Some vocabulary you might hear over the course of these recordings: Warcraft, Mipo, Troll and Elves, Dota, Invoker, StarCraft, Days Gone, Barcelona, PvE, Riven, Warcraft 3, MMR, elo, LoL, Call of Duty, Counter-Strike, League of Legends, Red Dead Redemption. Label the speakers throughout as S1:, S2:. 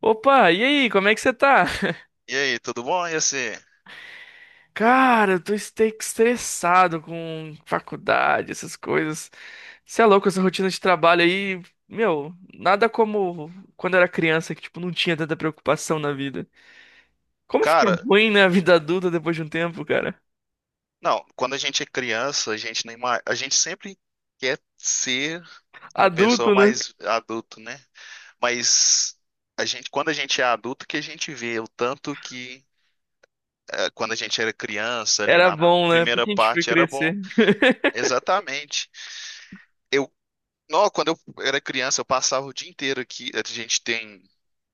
S1: Opa, e aí, como é que você tá?
S2: E aí, tudo bom? E assim,
S1: Cara, eu tô estressado com faculdade, essas coisas. Você é louco, essa rotina de trabalho aí, meu, nada como quando eu era criança, que tipo, não tinha tanta preocupação na vida. Como fica
S2: cara,
S1: ruim, né, a vida adulta depois de um tempo, cara?
S2: não, quando a gente é criança, a gente nem mais, a gente sempre quer ser uma pessoa
S1: Adulto, né?
S2: mais adulto, né? Mas a gente, quando a gente é adulto, que a gente vê o tanto que quando a gente era criança, ali
S1: Era
S2: na
S1: bom, né? Por
S2: primeira
S1: que a gente foi
S2: parte era bom.
S1: crescer?
S2: Exatamente. Eu, não, quando eu era criança, eu passava o dia inteiro aqui. A gente tem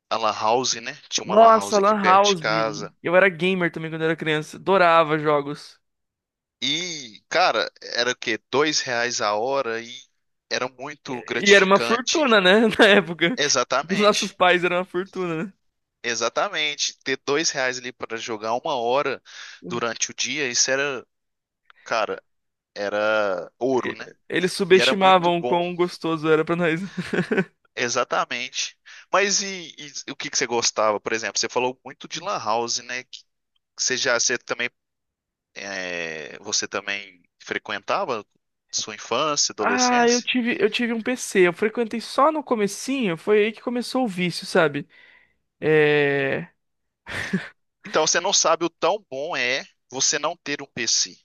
S2: a lan house, né? Tinha uma lan house
S1: Nossa,
S2: aqui
S1: Lan
S2: perto de
S1: House.
S2: casa.
S1: Eu era gamer também quando eu era criança. Adorava jogos.
S2: E, cara, era o quê? R$ 2 a hora e era muito
S1: E era uma
S2: gratificante.
S1: fortuna, né? Na época. Os nossos
S2: Exatamente,
S1: pais eram uma fortuna, né?
S2: exatamente. Ter R$ 2 ali para jogar uma hora durante o dia, isso era, cara, era ouro, né?
S1: Eles
S2: E era muito
S1: subestimavam o
S2: bom,
S1: quão gostoso era pra nós.
S2: exatamente. Mas e o que que você gostava, por exemplo? Você falou muito de lan house, né? Que Você já, você também, é, Você também frequentava sua infância,
S1: Ah, eu
S2: adolescência?
S1: tive, eu tive um PC. Eu frequentei só no comecinho. Foi aí que começou o vício, sabe? É...
S2: Então você não sabe o tão bom é você não ter um PC.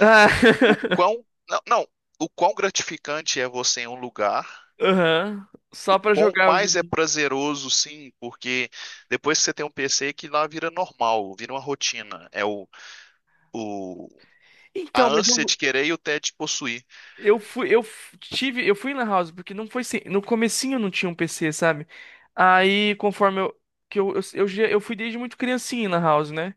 S1: Ah.
S2: O, o quão, não, não, o quão gratificante é você em um lugar,
S1: Aham.
S2: o
S1: Só pra
S2: quão
S1: jogar o
S2: mais é
S1: joguinho.
S2: prazeroso, sim, porque depois que você tem um PC que lá vira normal, vira uma rotina. É o a
S1: Então, mas
S2: ânsia de querer e o tédio de possuir.
S1: eu fui, eu f- tive, eu fui na house porque não foi sem, no comecinho não tinha um PC, sabe? Aí, conforme eu que eu, já- eu fui desde muito criancinha na house, né?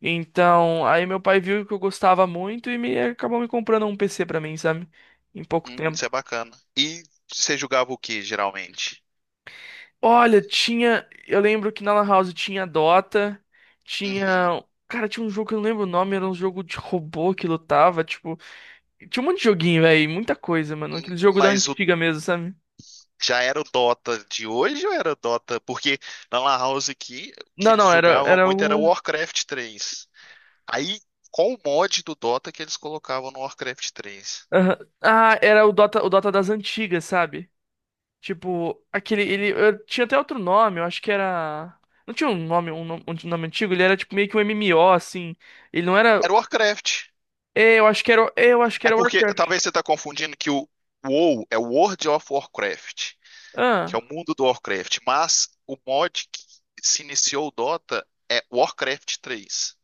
S1: Então, aí meu pai viu que eu gostava muito e me acabou me comprando um PC pra mim, sabe? Em pouco
S2: Isso é
S1: tempo.
S2: bacana. E você jogava o que geralmente?
S1: Olha, tinha, eu lembro que na Lan House tinha Dota,
S2: Uhum.
S1: tinha, cara, tinha um jogo que eu não lembro o nome, era um jogo de robô que lutava, tipo, tinha um monte de joguinho, velho, muita coisa, mano, aquele jogo da
S2: Mas
S1: antiga mesmo, sabe?
S2: já era o Dota de hoje ou era o Dota? Porque na Lan House aqui, o que
S1: Não,
S2: eles
S1: não, era
S2: jogavam
S1: era
S2: muito era
S1: o
S2: Warcraft 3. Aí, qual o mod do Dota que eles colocavam no Warcraft 3?
S1: aham. Ah, era o Dota das antigas, sabe? Tipo, tinha até outro nome, eu acho que era, não tinha um nome, um nome antigo, ele era tipo meio que um MMO, assim, ele não era,
S2: Era o Warcraft.
S1: é, eu acho que
S2: É
S1: era
S2: porque
S1: Warcraft,
S2: talvez você tá confundindo que o WoW é o World of Warcraft, que é
S1: ah,
S2: o mundo do Warcraft, mas o mod que se iniciou o Dota é Warcraft 3.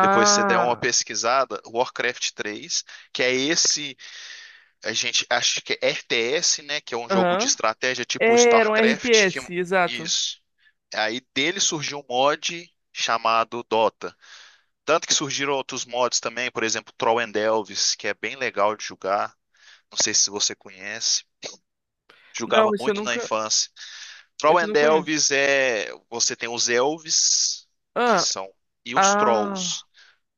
S2: Depois você der uma pesquisada, Warcraft 3, que é esse. A gente acho que é RTS, né? Que é um jogo de
S1: aham.
S2: estratégia tipo
S1: É, era um
S2: StarCraft. Que...
S1: RTS, exato,
S2: Isso. Aí dele surgiu um mod chamado Dota. Tanto que surgiram outros mods também, por exemplo, Troll and Elves, que é bem legal de jogar. Não sei se você conhece.
S1: não,
S2: Jogava
S1: isso eu
S2: muito na
S1: nunca,
S2: infância. Troll
S1: isso eu
S2: and
S1: não conheço,
S2: Elves é. Você tem os elves, que
S1: ah,
S2: são. E os
S1: ah,
S2: trolls.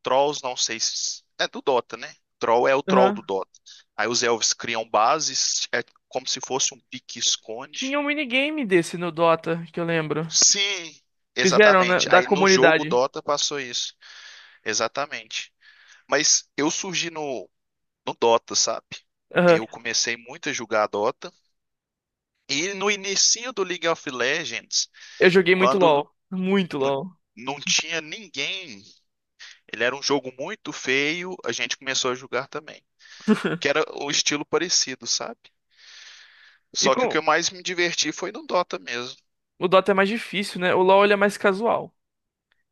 S2: Trolls, não sei se. É do Dota, né? Troll é o troll do
S1: aham.
S2: Dota. Aí os elfos criam bases, é como se fosse um pique-esconde.
S1: Tinha um minigame desse no Dota, que eu lembro,
S2: Sim,
S1: fizeram, né,
S2: exatamente.
S1: da
S2: Aí no jogo
S1: comunidade,
S2: Dota passou isso. Exatamente. Mas eu surgi no Dota, sabe?
S1: aham.
S2: Eu comecei muito a jogar Dota. E no inicinho do League of Legends,
S1: Eu joguei
S2: quando
S1: Muito
S2: não,
S1: LoL,
S2: não tinha ninguém, ele era um jogo muito feio, a gente começou a jogar também. Que era o estilo parecido, sabe?
S1: e
S2: Só que o que
S1: com
S2: eu mais me diverti foi no Dota mesmo.
S1: o Dota é mais difícil, né? O LoL ele é mais casual.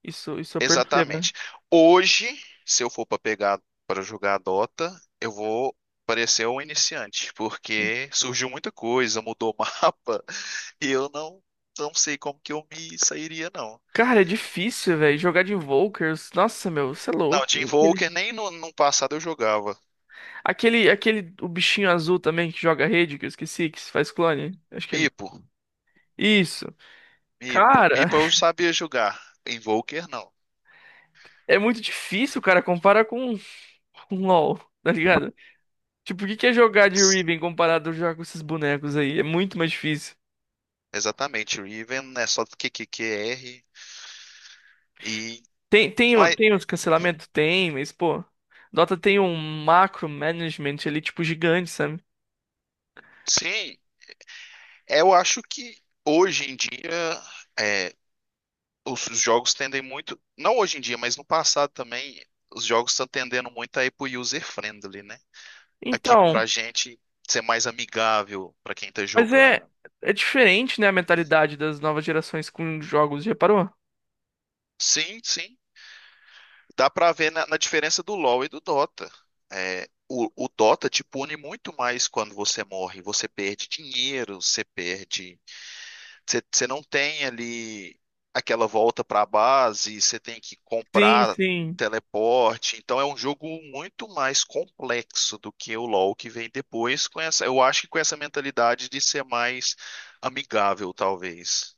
S1: Isso eu percebo, né?
S2: Exatamente. Hoje, se eu for para pegar para jogar Dota, eu vou parecer um iniciante, porque surgiu muita coisa, mudou o mapa, e eu não sei como que eu me sairia não.
S1: Cara, é difícil, velho. Jogar de Invokers. Nossa, meu, você é
S2: Não, Team
S1: louco.
S2: Volker nem no, no passado eu jogava.
S1: O bichinho azul também que joga rede, que eu esqueci, que faz clone. Acho que é.
S2: Mipo,
S1: Isso. Cara,
S2: Mipo eu sabia jogar. Invoker não.
S1: é muito difícil, cara, comparar com LoL, tá ligado? Tipo, o que que é jogar de Riven comparado a jogar com esses bonecos aí? É muito mais difícil.
S2: Exatamente, Riven é só Q Q Q R e mas
S1: Tem os cancelamentos? Tem, mas, pô. Dota tem um macro management ali, tipo, gigante, sabe?
S2: sim, É, eu acho que hoje em dia é, os jogos tendem muito, não hoje em dia, mas no passado também, os jogos estão tendendo muito a ir pro user friendly, né? Aqui
S1: Então,
S2: pra gente ser mais amigável pra quem tá
S1: mas
S2: jogando.
S1: é, é diferente, né, a mentalidade das novas gerações com jogos, já reparou?
S2: Sim, sim. Dá pra ver na diferença do LoL e do Dota. É, o Dota te pune muito mais quando você morre. Você perde dinheiro, você perde. Você não tem ali aquela volta para a base, você tem que
S1: Sim,
S2: comprar
S1: sim.
S2: teleporte. Então é um jogo muito mais complexo do que o LoL que vem depois com essa, eu acho que com essa mentalidade de ser mais amigável, talvez.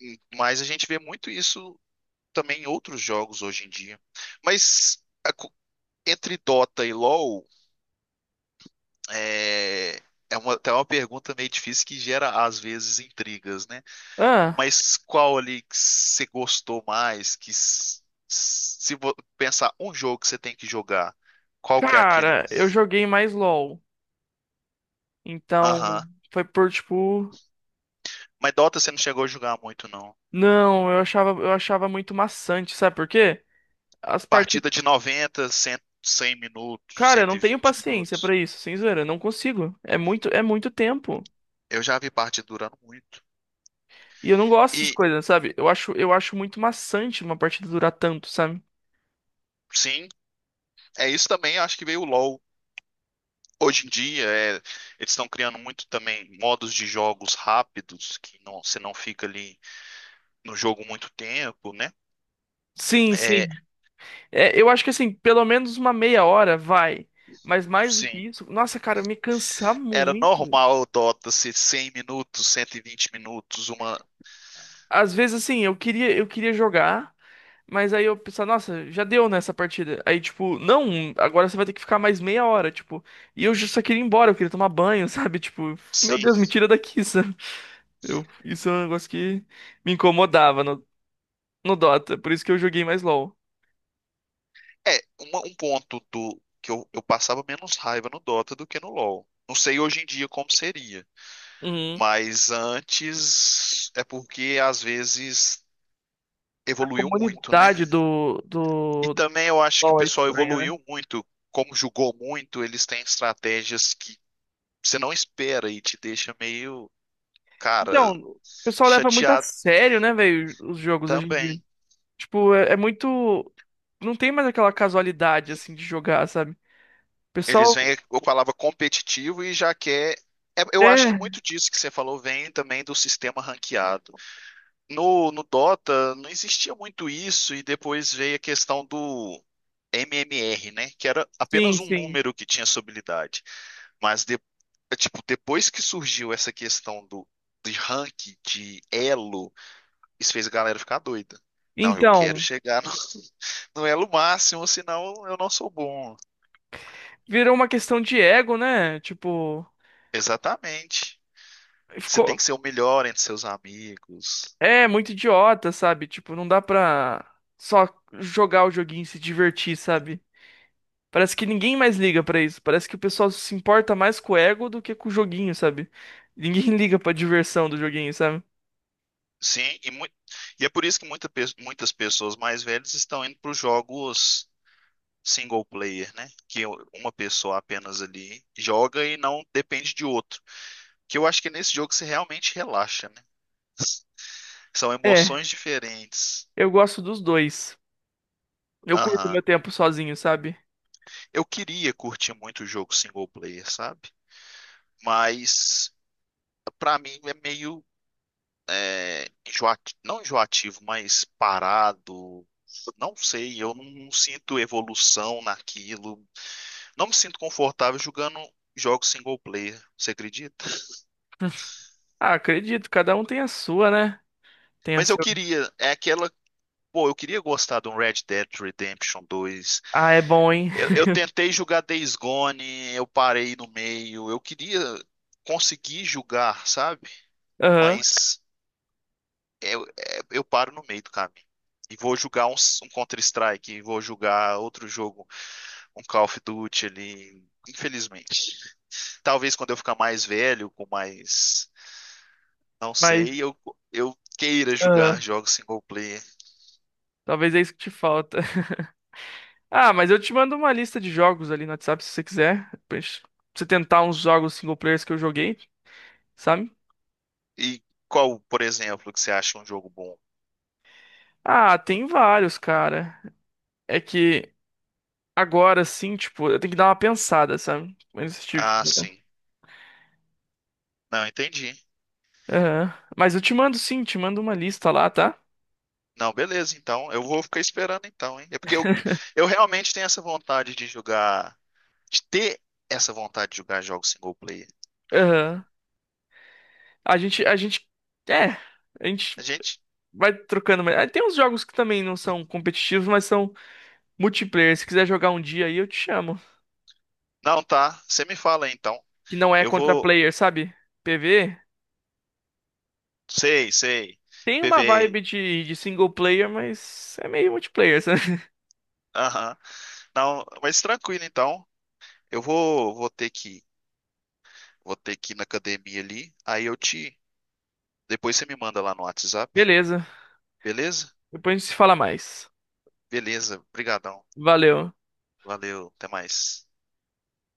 S2: Mas a gente vê muito isso também em outros jogos hoje em dia. Mas entre Dota e LoL, é, é uma, até uma pergunta meio difícil que gera às vezes intrigas, né?
S1: Ah,
S2: Mas qual ali que você gostou mais? Se pensar um jogo que você tem que jogar, qual que é aquele?
S1: cara, eu joguei mais LoL. Então,
S2: Aham.
S1: foi por tipo,
S2: Mas Dota você não chegou a jogar muito, não.
S1: não, eu achava muito maçante, sabe por quê? As partidas,
S2: Partida de 90, 100, 100 minutos,
S1: cara, eu
S2: cento
S1: não
S2: e
S1: tenho
S2: vinte
S1: paciência pra
S2: minutos.
S1: isso, sem zoeira, eu não consigo. É muito tempo.
S2: Eu já vi partida durando muito.
S1: E eu não gosto dessas
S2: E
S1: coisas, sabe? Eu acho muito maçante uma partida durar tanto, sabe?
S2: sim, é isso também. Acho que veio o LoL. Hoje em dia, eles estão criando muito também modos de jogos rápidos, que não, você não fica ali no jogo muito tempo, né?
S1: Sim,
S2: É,
S1: sim. É, eu acho que assim, pelo menos uma meia hora vai. Mas mais do que
S2: sim.
S1: isso, nossa, cara, me cansar
S2: Era
S1: muito.
S2: normal o Dota ser 100 minutos, 120 minutos, uma.
S1: Às vezes, assim, eu queria jogar, mas aí eu pensava, nossa, já deu nessa partida. Aí, tipo, não, agora você vai ter que ficar mais meia hora, tipo. E eu só queria ir embora, eu queria tomar banho, sabe? Tipo, meu
S2: Sim.
S1: Deus, me tira daqui, sabe? Eu, isso é um negócio que me incomodava no Dota, por isso que eu joguei mais LoL.
S2: É, um ponto do que eu passava menos raiva no Dota do que no LoL. Não sei hoje em dia como seria,
S1: Uhum.
S2: mas antes é porque às vezes
S1: A
S2: evoluiu muito, né?
S1: comunidade
S2: E
S1: do
S2: também eu acho que o
S1: LoL é
S2: pessoal
S1: estranha, né?
S2: evoluiu muito. Como jogou muito, eles têm estratégias que você não espera e te deixa meio, cara,
S1: Então, o pessoal leva muito a
S2: chateado
S1: sério, né, velho, os jogos hoje em dia.
S2: também.
S1: Tipo, é, é muito. Não tem mais aquela casualidade, assim, de jogar, sabe? O
S2: Eles
S1: pessoal.
S2: vêm com a palavra competitivo e já quer. Eu acho que
S1: É,
S2: muito disso que você falou vem também do sistema ranqueado. No Dota não existia muito isso, e depois veio a questão do MMR, né? Que era
S1: sim,
S2: apenas um
S1: sim.
S2: número que tinha sua habilidade. Mas tipo, depois que surgiu essa questão do de rank, de elo, isso fez a galera ficar doida. Não, eu quero
S1: Então,
S2: chegar no, no elo máximo, senão eu não sou bom.
S1: virou uma questão de ego, né? Tipo,
S2: Exatamente. Você tem
S1: ficou.
S2: que ser o melhor entre seus amigos.
S1: É, muito idiota, sabe? Tipo, não dá pra só jogar o joguinho e se divertir, sabe? Parece que ninguém mais liga pra isso. Parece que o pessoal se importa mais com o ego do que com o joguinho, sabe? Ninguém liga pra diversão do joguinho, sabe?
S2: Sim, e é por isso que muitas pessoas mais velhas estão indo para os jogos single player, né? Que uma pessoa apenas ali joga e não depende de outro. Que eu acho que nesse jogo você realmente relaxa, né? São
S1: É.
S2: emoções diferentes.
S1: Eu gosto dos dois. Eu curto
S2: Aham.
S1: meu tempo sozinho, sabe?
S2: Eu queria curtir muito o jogo single player, sabe? Mas pra mim é meio não enjoativo, mas parado. Não sei, eu não sinto evolução naquilo. Não me sinto confortável jogando jogos single player, você acredita?
S1: Ah, acredito, cada um tem a sua, né? Tem a
S2: Mas eu
S1: seu.
S2: queria, é aquela, pô, eu queria gostar de um Red Dead Redemption 2.
S1: Ah, é bom, hein?
S2: Eu, eu tentei jogar Days Gone, eu parei no meio. Eu queria conseguir jogar, sabe?
S1: Aham,
S2: Mas eu paro no meio do caminho. E vou jogar um Counter-Strike, e vou jogar outro jogo um Call of Duty ali, infelizmente. Talvez quando eu ficar mais velho, com mais, não
S1: mas.
S2: sei, eu queira jogar
S1: Aham,
S2: jogos single player.
S1: talvez é isso que te falta. Ah, mas eu te mando uma lista de jogos ali no WhatsApp se você quiser. Pra gente- pra você tentar uns jogos single players que eu joguei, sabe?
S2: E qual, por exemplo, que você acha um jogo bom?
S1: Ah, tem vários, cara. É que agora sim, tipo, eu tenho que dar uma pensada, sabe? Nesse tipo
S2: Ah,
S1: de-
S2: sim. Não, entendi.
S1: Aham. Mas eu te mando sim, te mando uma lista lá, tá?
S2: Não, beleza, então eu vou ficar esperando então, hein? É porque eu realmente tenho essa vontade de jogar, de ter essa vontade de jogar jogos single player.
S1: Aham. A gente, a gente, é, a
S2: A
S1: gente
S2: gente,
S1: vai trocando. Mas ah, tem uns jogos que também não são competitivos, mas são multiplayer. Se quiser jogar um dia aí, eu te chamo.
S2: não tá, você me fala aí, então.
S1: Que não é
S2: Eu
S1: contra
S2: vou,
S1: player, sabe? PV
S2: sei, sei.
S1: tem uma
S2: PvE.
S1: vibe de single player, mas é meio multiplayer, sabe?
S2: Aham. Não, mas tranquilo então. Eu vou ter que ir na academia ali. Depois você me manda lá no WhatsApp,
S1: Beleza.
S2: beleza?
S1: Depois a gente se fala mais.
S2: Beleza, brigadão.
S1: Valeu.
S2: Valeu, até mais.